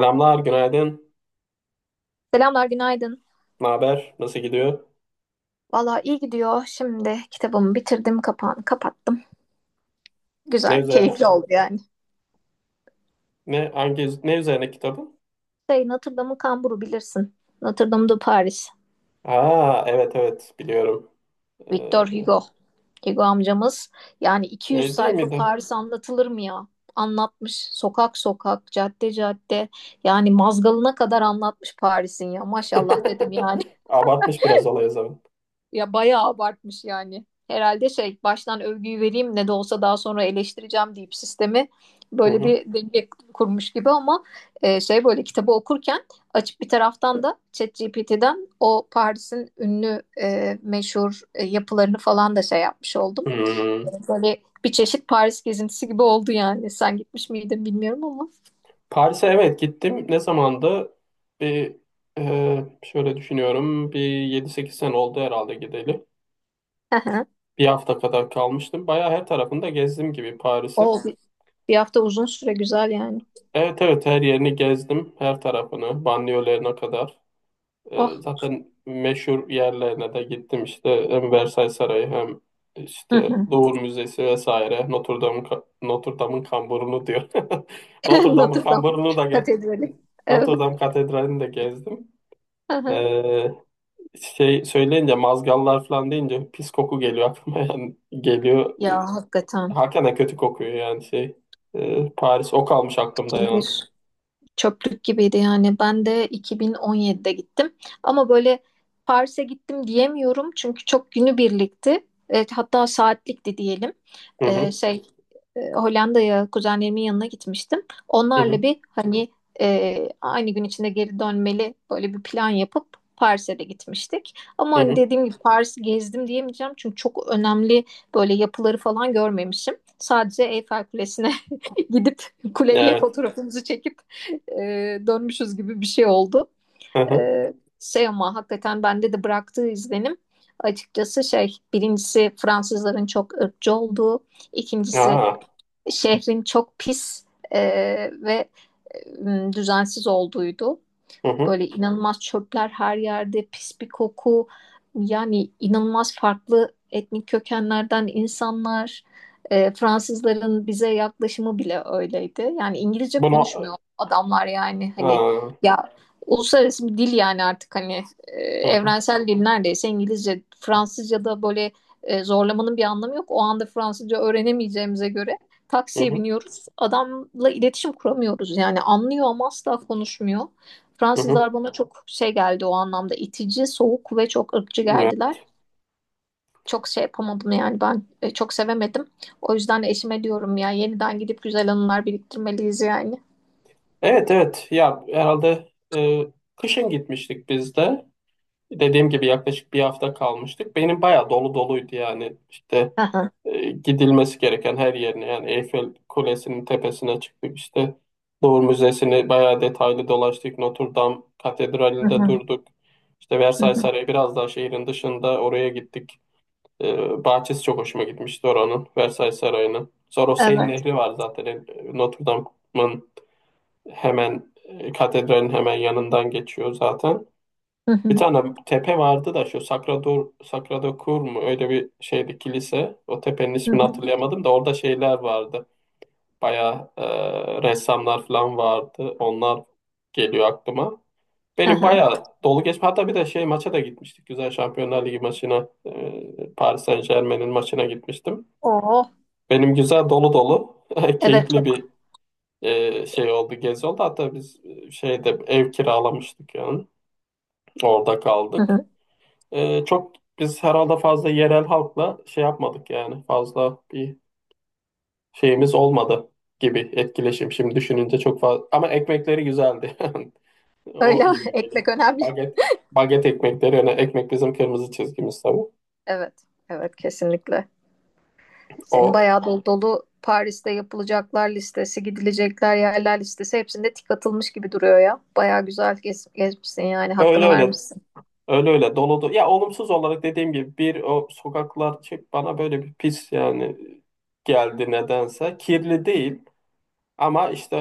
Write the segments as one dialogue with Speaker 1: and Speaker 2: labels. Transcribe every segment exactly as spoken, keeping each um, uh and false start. Speaker 1: Selamlar, günaydın.
Speaker 2: Selamlar, günaydın.
Speaker 1: Ne haber? Nasıl gidiyor?
Speaker 2: Valla iyi gidiyor. Şimdi kitabımı bitirdim, kapağını kapattım.
Speaker 1: Ne
Speaker 2: Güzel,
Speaker 1: üzerine?
Speaker 2: keyifli oldu yani.
Speaker 1: Ne hangi ne üzerine kitabın?
Speaker 2: Şey, Notre Dame'ın kamburu bilirsin. Notre Dame de Paris.
Speaker 1: Aa, evet, evet, biliyorum.
Speaker 2: Victor
Speaker 1: Ee,
Speaker 2: Hugo. Hugo amcamız. Yani iki yüz
Speaker 1: Şey değil
Speaker 2: sayfa
Speaker 1: miydi?
Speaker 2: Paris anlatılır mı ya? Anlatmış. Sokak sokak, cadde cadde. Yani mazgalına kadar anlatmış Paris'in ya. Maşallah dedim yani.
Speaker 1: Abartmış biraz olayı zaman.
Speaker 2: Ya bayağı abartmış yani. Herhalde şey baştan övgüyü vereyim ne de olsa daha sonra eleştireceğim deyip sistemi
Speaker 1: Hı
Speaker 2: böyle
Speaker 1: hı.
Speaker 2: bir denge kurmuş gibi ama e, şey böyle kitabı okurken açıp bir taraftan da ChatGPT'den o Paris'in ünlü e, meşhur e, yapılarını falan da şey yapmış oldum. E,
Speaker 1: Hmm.
Speaker 2: Böyle bir çeşit Paris gezintisi gibi oldu yani. Sen gitmiş miydin bilmiyorum ama.
Speaker 1: Paris'e, evet, gittim. Ne zamandı? Bir e, şöyle düşünüyorum. Bir yedi sekiz sene oldu herhalde gideli.
Speaker 2: Hı hı.
Speaker 1: Bir hafta kadar kalmıştım. Bayağı her tarafında gezdim gibi Paris'in.
Speaker 2: O bir, bir hafta uzun süre güzel yani.
Speaker 1: Evet, evet, her yerini gezdim. Her tarafını, banliyölerine kadar.
Speaker 2: Oh.
Speaker 1: E, zaten meşhur yerlerine de gittim işte, hem Versailles Sarayı, hem
Speaker 2: Hı
Speaker 1: işte
Speaker 2: hı.
Speaker 1: Louvre Müzesi, vesaire. Notre Dame'ın ka- Notre Dame'ın kamburunu diyor. Notre Dame'ın
Speaker 2: Notre Dame
Speaker 1: kamburunu da ge-
Speaker 2: Katedrali. Evet.
Speaker 1: Notre Dame Katedrali'ni de gezdim. E, Şey söyleyince, mazgallar falan deyince, pis koku geliyor aklıma, yani geliyor.
Speaker 2: Ya
Speaker 1: E,
Speaker 2: hakikaten.
Speaker 1: Hakikaten kötü kokuyor yani şey. E, Paris, o kalmış aklımda yani.
Speaker 2: Şehir, çöplük gibiydi yani. Ben de iki bin on yedide gittim. Ama böyle Paris'e gittim diyemiyorum çünkü çok günübirlikti. Evet, hatta saatlikti diyelim.
Speaker 1: Hı
Speaker 2: Ee,
Speaker 1: hı,
Speaker 2: şey e, Hollanda'ya kuzenlerimin yanına gitmiştim.
Speaker 1: hı
Speaker 2: Onlarla
Speaker 1: hı,
Speaker 2: bir hani e, aynı gün içinde geri dönmeli böyle bir plan yapıp Paris'e de gitmiştik. Ama
Speaker 1: hı
Speaker 2: hani
Speaker 1: hı.
Speaker 2: dediğim gibi Paris'i gezdim diyemeyeceğim çünkü çok önemli böyle yapıları falan görmemişim. Sadece Eyfel Kulesi'ne gidip kuleyle
Speaker 1: Evet.
Speaker 2: fotoğrafımızı çekip e, dönmüşüz gibi bir şey oldu.
Speaker 1: Hı hı.
Speaker 2: E, şey ama hakikaten bende de bıraktığı izlenim açıkçası şey birincisi Fransızların çok ırkçı olduğu, ikincisi
Speaker 1: Aa,
Speaker 2: şehrin çok pis e, ve e, düzensiz olduğuydu.
Speaker 1: hı hı.
Speaker 2: Böyle inanılmaz çöpler her yerde, pis bir koku. Yani inanılmaz farklı etnik kökenlerden insanlar. E, Fransızların bize yaklaşımı bile öyleydi. Yani İngilizce
Speaker 1: Bunu.
Speaker 2: konuşmuyor adamlar yani hani
Speaker 1: Aa.
Speaker 2: ya uluslararası bir dil yani artık hani e,
Speaker 1: Hı hı,
Speaker 2: evrensel dil neredeyse İngilizce, Fransızca da böyle e, zorlamanın bir anlamı yok. O anda Fransızca öğrenemeyeceğimize göre
Speaker 1: hı
Speaker 2: taksiye
Speaker 1: hı,
Speaker 2: biniyoruz. Adamla iletişim kuramıyoruz. Yani anlıyor ama asla konuşmuyor.
Speaker 1: hı hı.
Speaker 2: Fransızlar bana çok şey geldi o anlamda itici, soğuk ve çok ırkçı
Speaker 1: Ya.
Speaker 2: geldiler. Çok şey yapamadım yani ben e, çok sevemedim. O yüzden de eşime diyorum ya yeniden gidip güzel anılar biriktirmeliyiz yani.
Speaker 1: Evet, evet, ya herhalde, e, kışın gitmiştik biz de. Dediğim gibi yaklaşık bir hafta kalmıştık. Benim bayağı dolu doluydu yani işte,
Speaker 2: Hı hı,
Speaker 1: e, gidilmesi gereken her yerine yani. Eyfel Kulesi'nin tepesine çıktık işte, Louvre Müzesi'ni bayağı detaylı dolaştık. Notre Dame
Speaker 2: hı
Speaker 1: Katedrali'nde
Speaker 2: hı,
Speaker 1: durduk. İşte
Speaker 2: hı
Speaker 1: Versailles
Speaker 2: hı.
Speaker 1: Sarayı biraz daha şehrin dışında, oraya gittik. Ee, bahçesi çok hoşuma gitmişti oranın, Versailles Sarayı'nın. Sonra o Seine
Speaker 2: Evet.
Speaker 1: Nehri var zaten. Ee, Notre Dame'ın hemen, e, katedralin hemen yanından geçiyor zaten.
Speaker 2: Hı
Speaker 1: Bir
Speaker 2: hı,
Speaker 1: tane tepe vardı da, şu Sacrador, Sacrado Cor mu, öyle bir şeydi, kilise. O tepenin
Speaker 2: hı
Speaker 1: ismini
Speaker 2: hı,
Speaker 1: hatırlayamadım da, orada şeyler vardı. Bayağı e, ressamlar falan vardı. Onlar geliyor aklıma.
Speaker 2: hı
Speaker 1: Benim
Speaker 2: hı.
Speaker 1: bayağı dolu geçme. Hatta bir de şey, maça da gitmiştik. Güzel, Şampiyonlar Ligi maçına. e, Paris Saint-Germain'in maçına gitmiştim.
Speaker 2: Oo,
Speaker 1: Benim güzel dolu dolu
Speaker 2: evet
Speaker 1: keyifli
Speaker 2: çok.
Speaker 1: bir e, şey oldu, gezi oldu. Hatta biz e, şeyde ev kiralamıştık yani. Orada
Speaker 2: Hı
Speaker 1: kaldık.
Speaker 2: hı.
Speaker 1: E, çok, biz herhalde fazla yerel halkla şey yapmadık yani. Fazla bir şeyimiz olmadı gibi, etkileşim. Şimdi düşününce, çok fazla. Ama ekmekleri güzeldi. O
Speaker 2: Öyle mi?
Speaker 1: yine geliyor.
Speaker 2: Ekmek önemli.
Speaker 1: Baget, baget ekmekleri. Yani ekmek bizim kırmızı çizgimiz tabii.
Speaker 2: Evet, evet kesinlikle. Senin
Speaker 1: O
Speaker 2: bayağı dolu dolu Paris'te yapılacaklar listesi, gidilecekler yerler listesi hepsinde tik atılmış gibi duruyor ya. Bayağı güzel gez, gezmişsin yani
Speaker 1: öyle
Speaker 2: hakkını
Speaker 1: öyle,
Speaker 2: vermişsin.
Speaker 1: öyle öyle doludu. Ya, olumsuz olarak dediğim gibi, bir o sokaklar şey, bana böyle bir pis yani geldi nedense. Kirli değil ama işte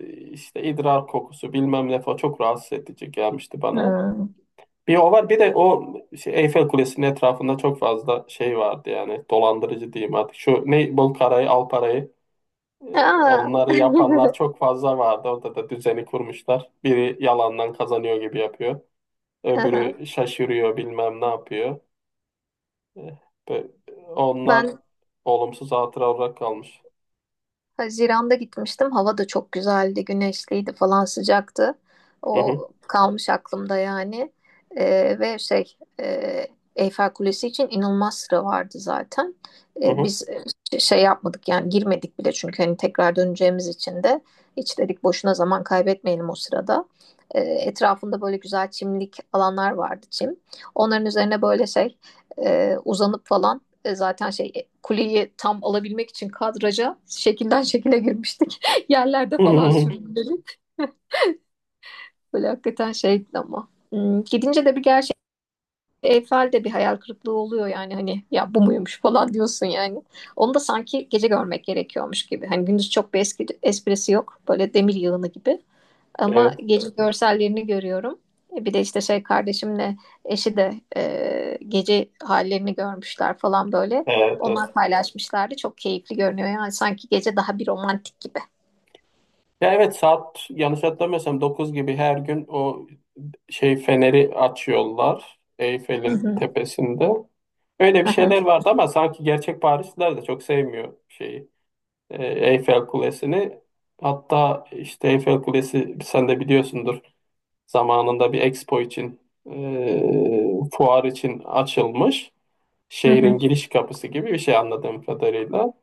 Speaker 1: e, işte idrar kokusu bilmem ne falan, çok rahatsız edici gelmişti bana.
Speaker 2: Hmm.
Speaker 1: Bir o var, bir de o şey, Eyfel Kulesi'nin etrafında çok fazla şey vardı yani, dolandırıcı diyeyim artık. Şu ne bol, parayı al parayı, e,
Speaker 2: Aa.
Speaker 1: onları yapanlar çok fazla vardı. Orada da düzeni kurmuşlar. Biri yalandan kazanıyor gibi yapıyor. Öbürü şaşırıyor, bilmem ne yapıyor. Eh, be- onlar
Speaker 2: Ben
Speaker 1: olumsuz hatıra olarak kalmış.
Speaker 2: Haziran'da gitmiştim. Hava da çok güzeldi, güneşliydi falan sıcaktı.
Speaker 1: Hı
Speaker 2: O
Speaker 1: hı,
Speaker 2: kalmış aklımda yani. Ee, ve şey e, Eyfel Kulesi için inanılmaz sıra vardı zaten.
Speaker 1: hı
Speaker 2: Ee,
Speaker 1: hı.
Speaker 2: biz e, şey yapmadık yani girmedik bile çünkü hani tekrar döneceğimiz için de hiç dedik boşuna zaman kaybetmeyelim o sırada. Ee, etrafında böyle güzel çimlik alanlar vardı çim. Onların üzerine böyle şey e, uzanıp falan e, zaten şey e, kuleyi tam alabilmek için kadraja şekilden şekile girmiştik. Yerlerde falan sürünüp böyle hakikaten şeydi ama. Hmm, Gidince de bir gerçek Eyfel'de bir hayal kırıklığı oluyor yani hani ya bu muymuş falan diyorsun yani. Onu da sanki gece görmek gerekiyormuş gibi. Hani gündüz çok bir eski, esprisi yok. Böyle demir yığını gibi. Ama
Speaker 1: Evet,
Speaker 2: gece görsellerini görüyorum. E, Bir de işte şey kardeşimle eşi de e, gece hallerini görmüşler falan böyle.
Speaker 1: evet, evet.
Speaker 2: Onlar paylaşmışlardı. Çok keyifli görünüyor. Yani sanki gece daha bir romantik gibi.
Speaker 1: Ya evet, saat yanlış hatırlamıyorsam, dokuz gibi her gün o şey, feneri açıyorlar
Speaker 2: Hı
Speaker 1: Eyfel'in
Speaker 2: hı.
Speaker 1: tepesinde. Öyle bir şeyler
Speaker 2: Aha,
Speaker 1: vardı, ama sanki gerçek Parisliler de çok sevmiyor şeyi, e, Eyfel Kulesi'ni. Hatta işte Eyfel Kulesi, sen de biliyorsundur, zamanında bir expo için, e, fuar için açılmış.
Speaker 2: hı hı,
Speaker 1: Şehrin giriş kapısı gibi bir şey, anladığım kadarıyla.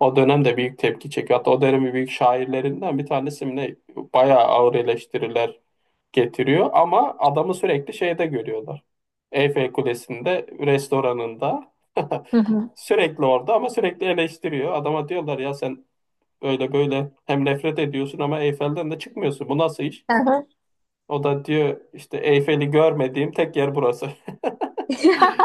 Speaker 1: O dönemde büyük tepki çekiyor. Hatta o dönemin büyük şairlerinden bir tanesi mi ne, bayağı ağır eleştiriler getiriyor, ama adamı sürekli şeyde görüyorlar, Eyfel Kulesi'nde, restoranında.
Speaker 2: hı hı,
Speaker 1: Sürekli orada ama sürekli eleştiriyor. Adama diyorlar, ya sen öyle böyle hem nefret ediyorsun ama Eyfel'den de çıkmıyorsun, bu nasıl iş?
Speaker 2: aha.
Speaker 1: O da diyor işte, Eyfel'i görmediğim tek yer burası.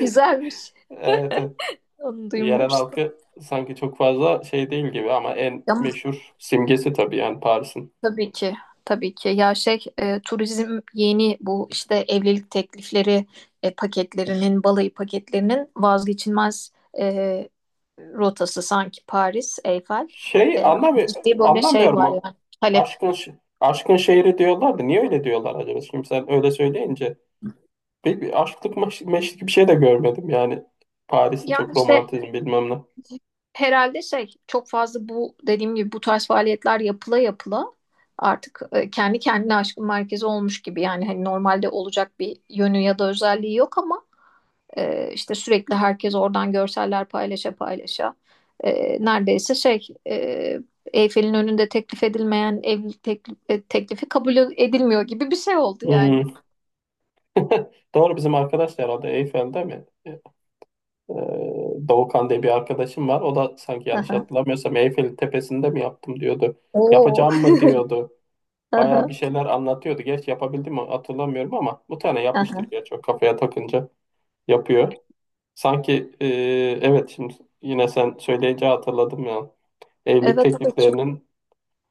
Speaker 2: Güzelmiş.
Speaker 1: Evet, evet.
Speaker 2: Onu
Speaker 1: Yerel
Speaker 2: duymamıştım.
Speaker 1: halkı sanki çok fazla şey değil gibi, ama en
Speaker 2: Ya
Speaker 1: meşhur simgesi tabii yani Paris'in.
Speaker 2: tabii ki, tabii ki. Ya şey, e, turizm yeni bu işte evlilik teklifleri e, paketlerinin, balayı paketlerinin vazgeçilmez e, rotası sanki Paris, Eyfel.
Speaker 1: Şey,
Speaker 2: E,
Speaker 1: anlamı
Speaker 2: ciddi böyle şey
Speaker 1: anlamıyorum
Speaker 2: var
Speaker 1: o
Speaker 2: yani talep.
Speaker 1: aşkın, ş- aşkın şehri diyorlardı. Niye öyle diyorlar acaba? Şimdi sen öyle söyleyince, bir, bir aşklık maş- meşlik bir şey de görmedim yani Paris'te,
Speaker 2: Yani
Speaker 1: çok
Speaker 2: işte
Speaker 1: romantizm bilmem ne.
Speaker 2: herhalde şey çok fazla bu dediğim gibi bu tarz faaliyetler yapıla yapıla artık e, kendi kendine aşkın merkezi olmuş gibi. Yani hani normalde olacak bir yönü ya da özelliği yok ama E, işte sürekli herkes oradan görseller paylaşa paylaşa. E, neredeyse şey e, Eyfel'in önünde teklif edilmeyen evlilik teklif, e, teklifi kabul edilmiyor gibi bir şey oldu yani.
Speaker 1: Hmm. Doğru, bizim arkadaş da herhalde Eyfel'de mi? Ee, Doğukan diye bir arkadaşım var. O da sanki yanlış
Speaker 2: Aha.
Speaker 1: hatırlamıyorsam, Eyfel'in tepesinde mi yaptım diyordu.
Speaker 2: Oo.
Speaker 1: Yapacağım mı diyordu.
Speaker 2: Aha.
Speaker 1: Bayağı bir şeyler anlatıyordu. Gerçi yapabildim mi hatırlamıyorum, ama bu tane yapmıştır
Speaker 2: Aha.
Speaker 1: gerçi, o kafaya takınca yapıyor. Sanki, e, evet, şimdi yine sen söyleyince hatırladım ya. Evlilik
Speaker 2: Evet, evet çok
Speaker 1: tekliflerinin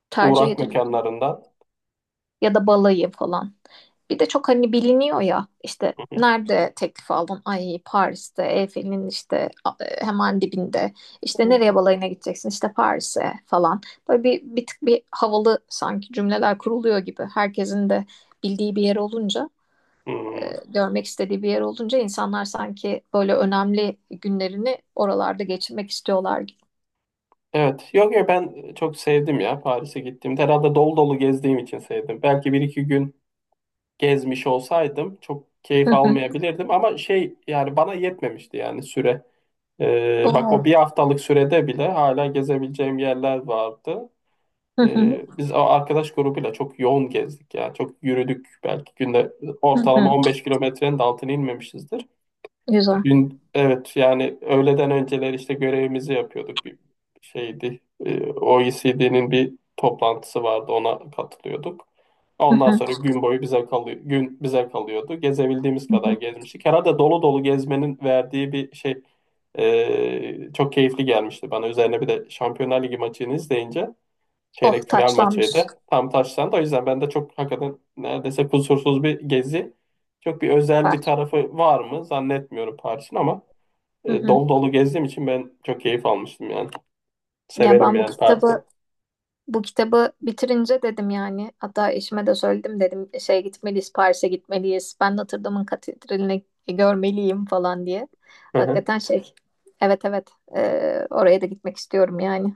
Speaker 2: tercih
Speaker 1: uğrak
Speaker 2: ediliyor.
Speaker 1: mekanlarından.
Speaker 2: Ya da balayı falan. Bir de çok hani biliniyor ya işte
Speaker 1: Hı hı.
Speaker 2: nerede teklif aldın? Ay Paris'te, Eyfel'in işte e, hemen dibinde. İşte
Speaker 1: Hmm.
Speaker 2: nereye balayına gideceksin? İşte Paris'e falan. Böyle bir, bir tık bir havalı sanki cümleler kuruluyor gibi. Herkesin de bildiği bir yer olunca,
Speaker 1: Hmm.
Speaker 2: görmek istediği bir yer olunca insanlar sanki böyle önemli günlerini oralarda geçirmek istiyorlar gibi.
Speaker 1: Evet. Yok, yok, ben çok sevdim ya Paris'e gittiğimde. Herhalde dolu dolu gezdiğim için sevdim. Belki bir iki gün gezmiş olsaydım çok
Speaker 2: Hı
Speaker 1: keyif
Speaker 2: hı.
Speaker 1: almayabilirdim, ama şey, yani bana yetmemişti yani, süre. Ee, bak,
Speaker 2: Oo.
Speaker 1: o bir haftalık sürede bile hala gezebileceğim yerler vardı.
Speaker 2: Hı hı.
Speaker 1: Ee, biz o arkadaş grubuyla çok yoğun gezdik ya. Çok yürüdük, belki günde
Speaker 2: Hı
Speaker 1: ortalama
Speaker 2: hı.
Speaker 1: on beş kilometrenin de altına inmemişizdir.
Speaker 2: Güzel.
Speaker 1: Gün, evet, yani öğleden önceler işte görevimizi yapıyorduk. Bir şeydi, e, O E C D'nin bir toplantısı vardı, ona katılıyorduk.
Speaker 2: Hı
Speaker 1: Ondan
Speaker 2: hı.
Speaker 1: sonra gün boyu bize kalıyor, gün bize kalıyordu. Gezebildiğimiz
Speaker 2: Hı
Speaker 1: kadar
Speaker 2: hı.
Speaker 1: gezmiştik. Herhalde dolu dolu gezmenin verdiği bir şey, e, çok keyifli gelmişti bana. Üzerine bir de Şampiyonlar Ligi maçını izleyince,
Speaker 2: Oh,
Speaker 1: çeyrek final
Speaker 2: taçlanmış.
Speaker 1: maçıydı, tam taşlandı. O yüzden ben de çok, hakikaten neredeyse kusursuz bir gezi. Çok bir özel
Speaker 2: Süper.
Speaker 1: bir tarafı var mı zannetmiyorum Paris'in, ama
Speaker 2: Hı
Speaker 1: e,
Speaker 2: hı.
Speaker 1: dolu dolu gezdiğim için ben çok keyif almıştım yani.
Speaker 2: Ya
Speaker 1: Severim
Speaker 2: ben bu
Speaker 1: yani Paris'i.
Speaker 2: kitabı bu kitabı bitirince dedim yani hatta eşime de söyledim dedim şey gitmeliyiz Paris'e gitmeliyiz ben Notre Dame'ın katedralini görmeliyim falan diye. Hakikaten şey, evet, evet e, oraya da gitmek istiyorum yani.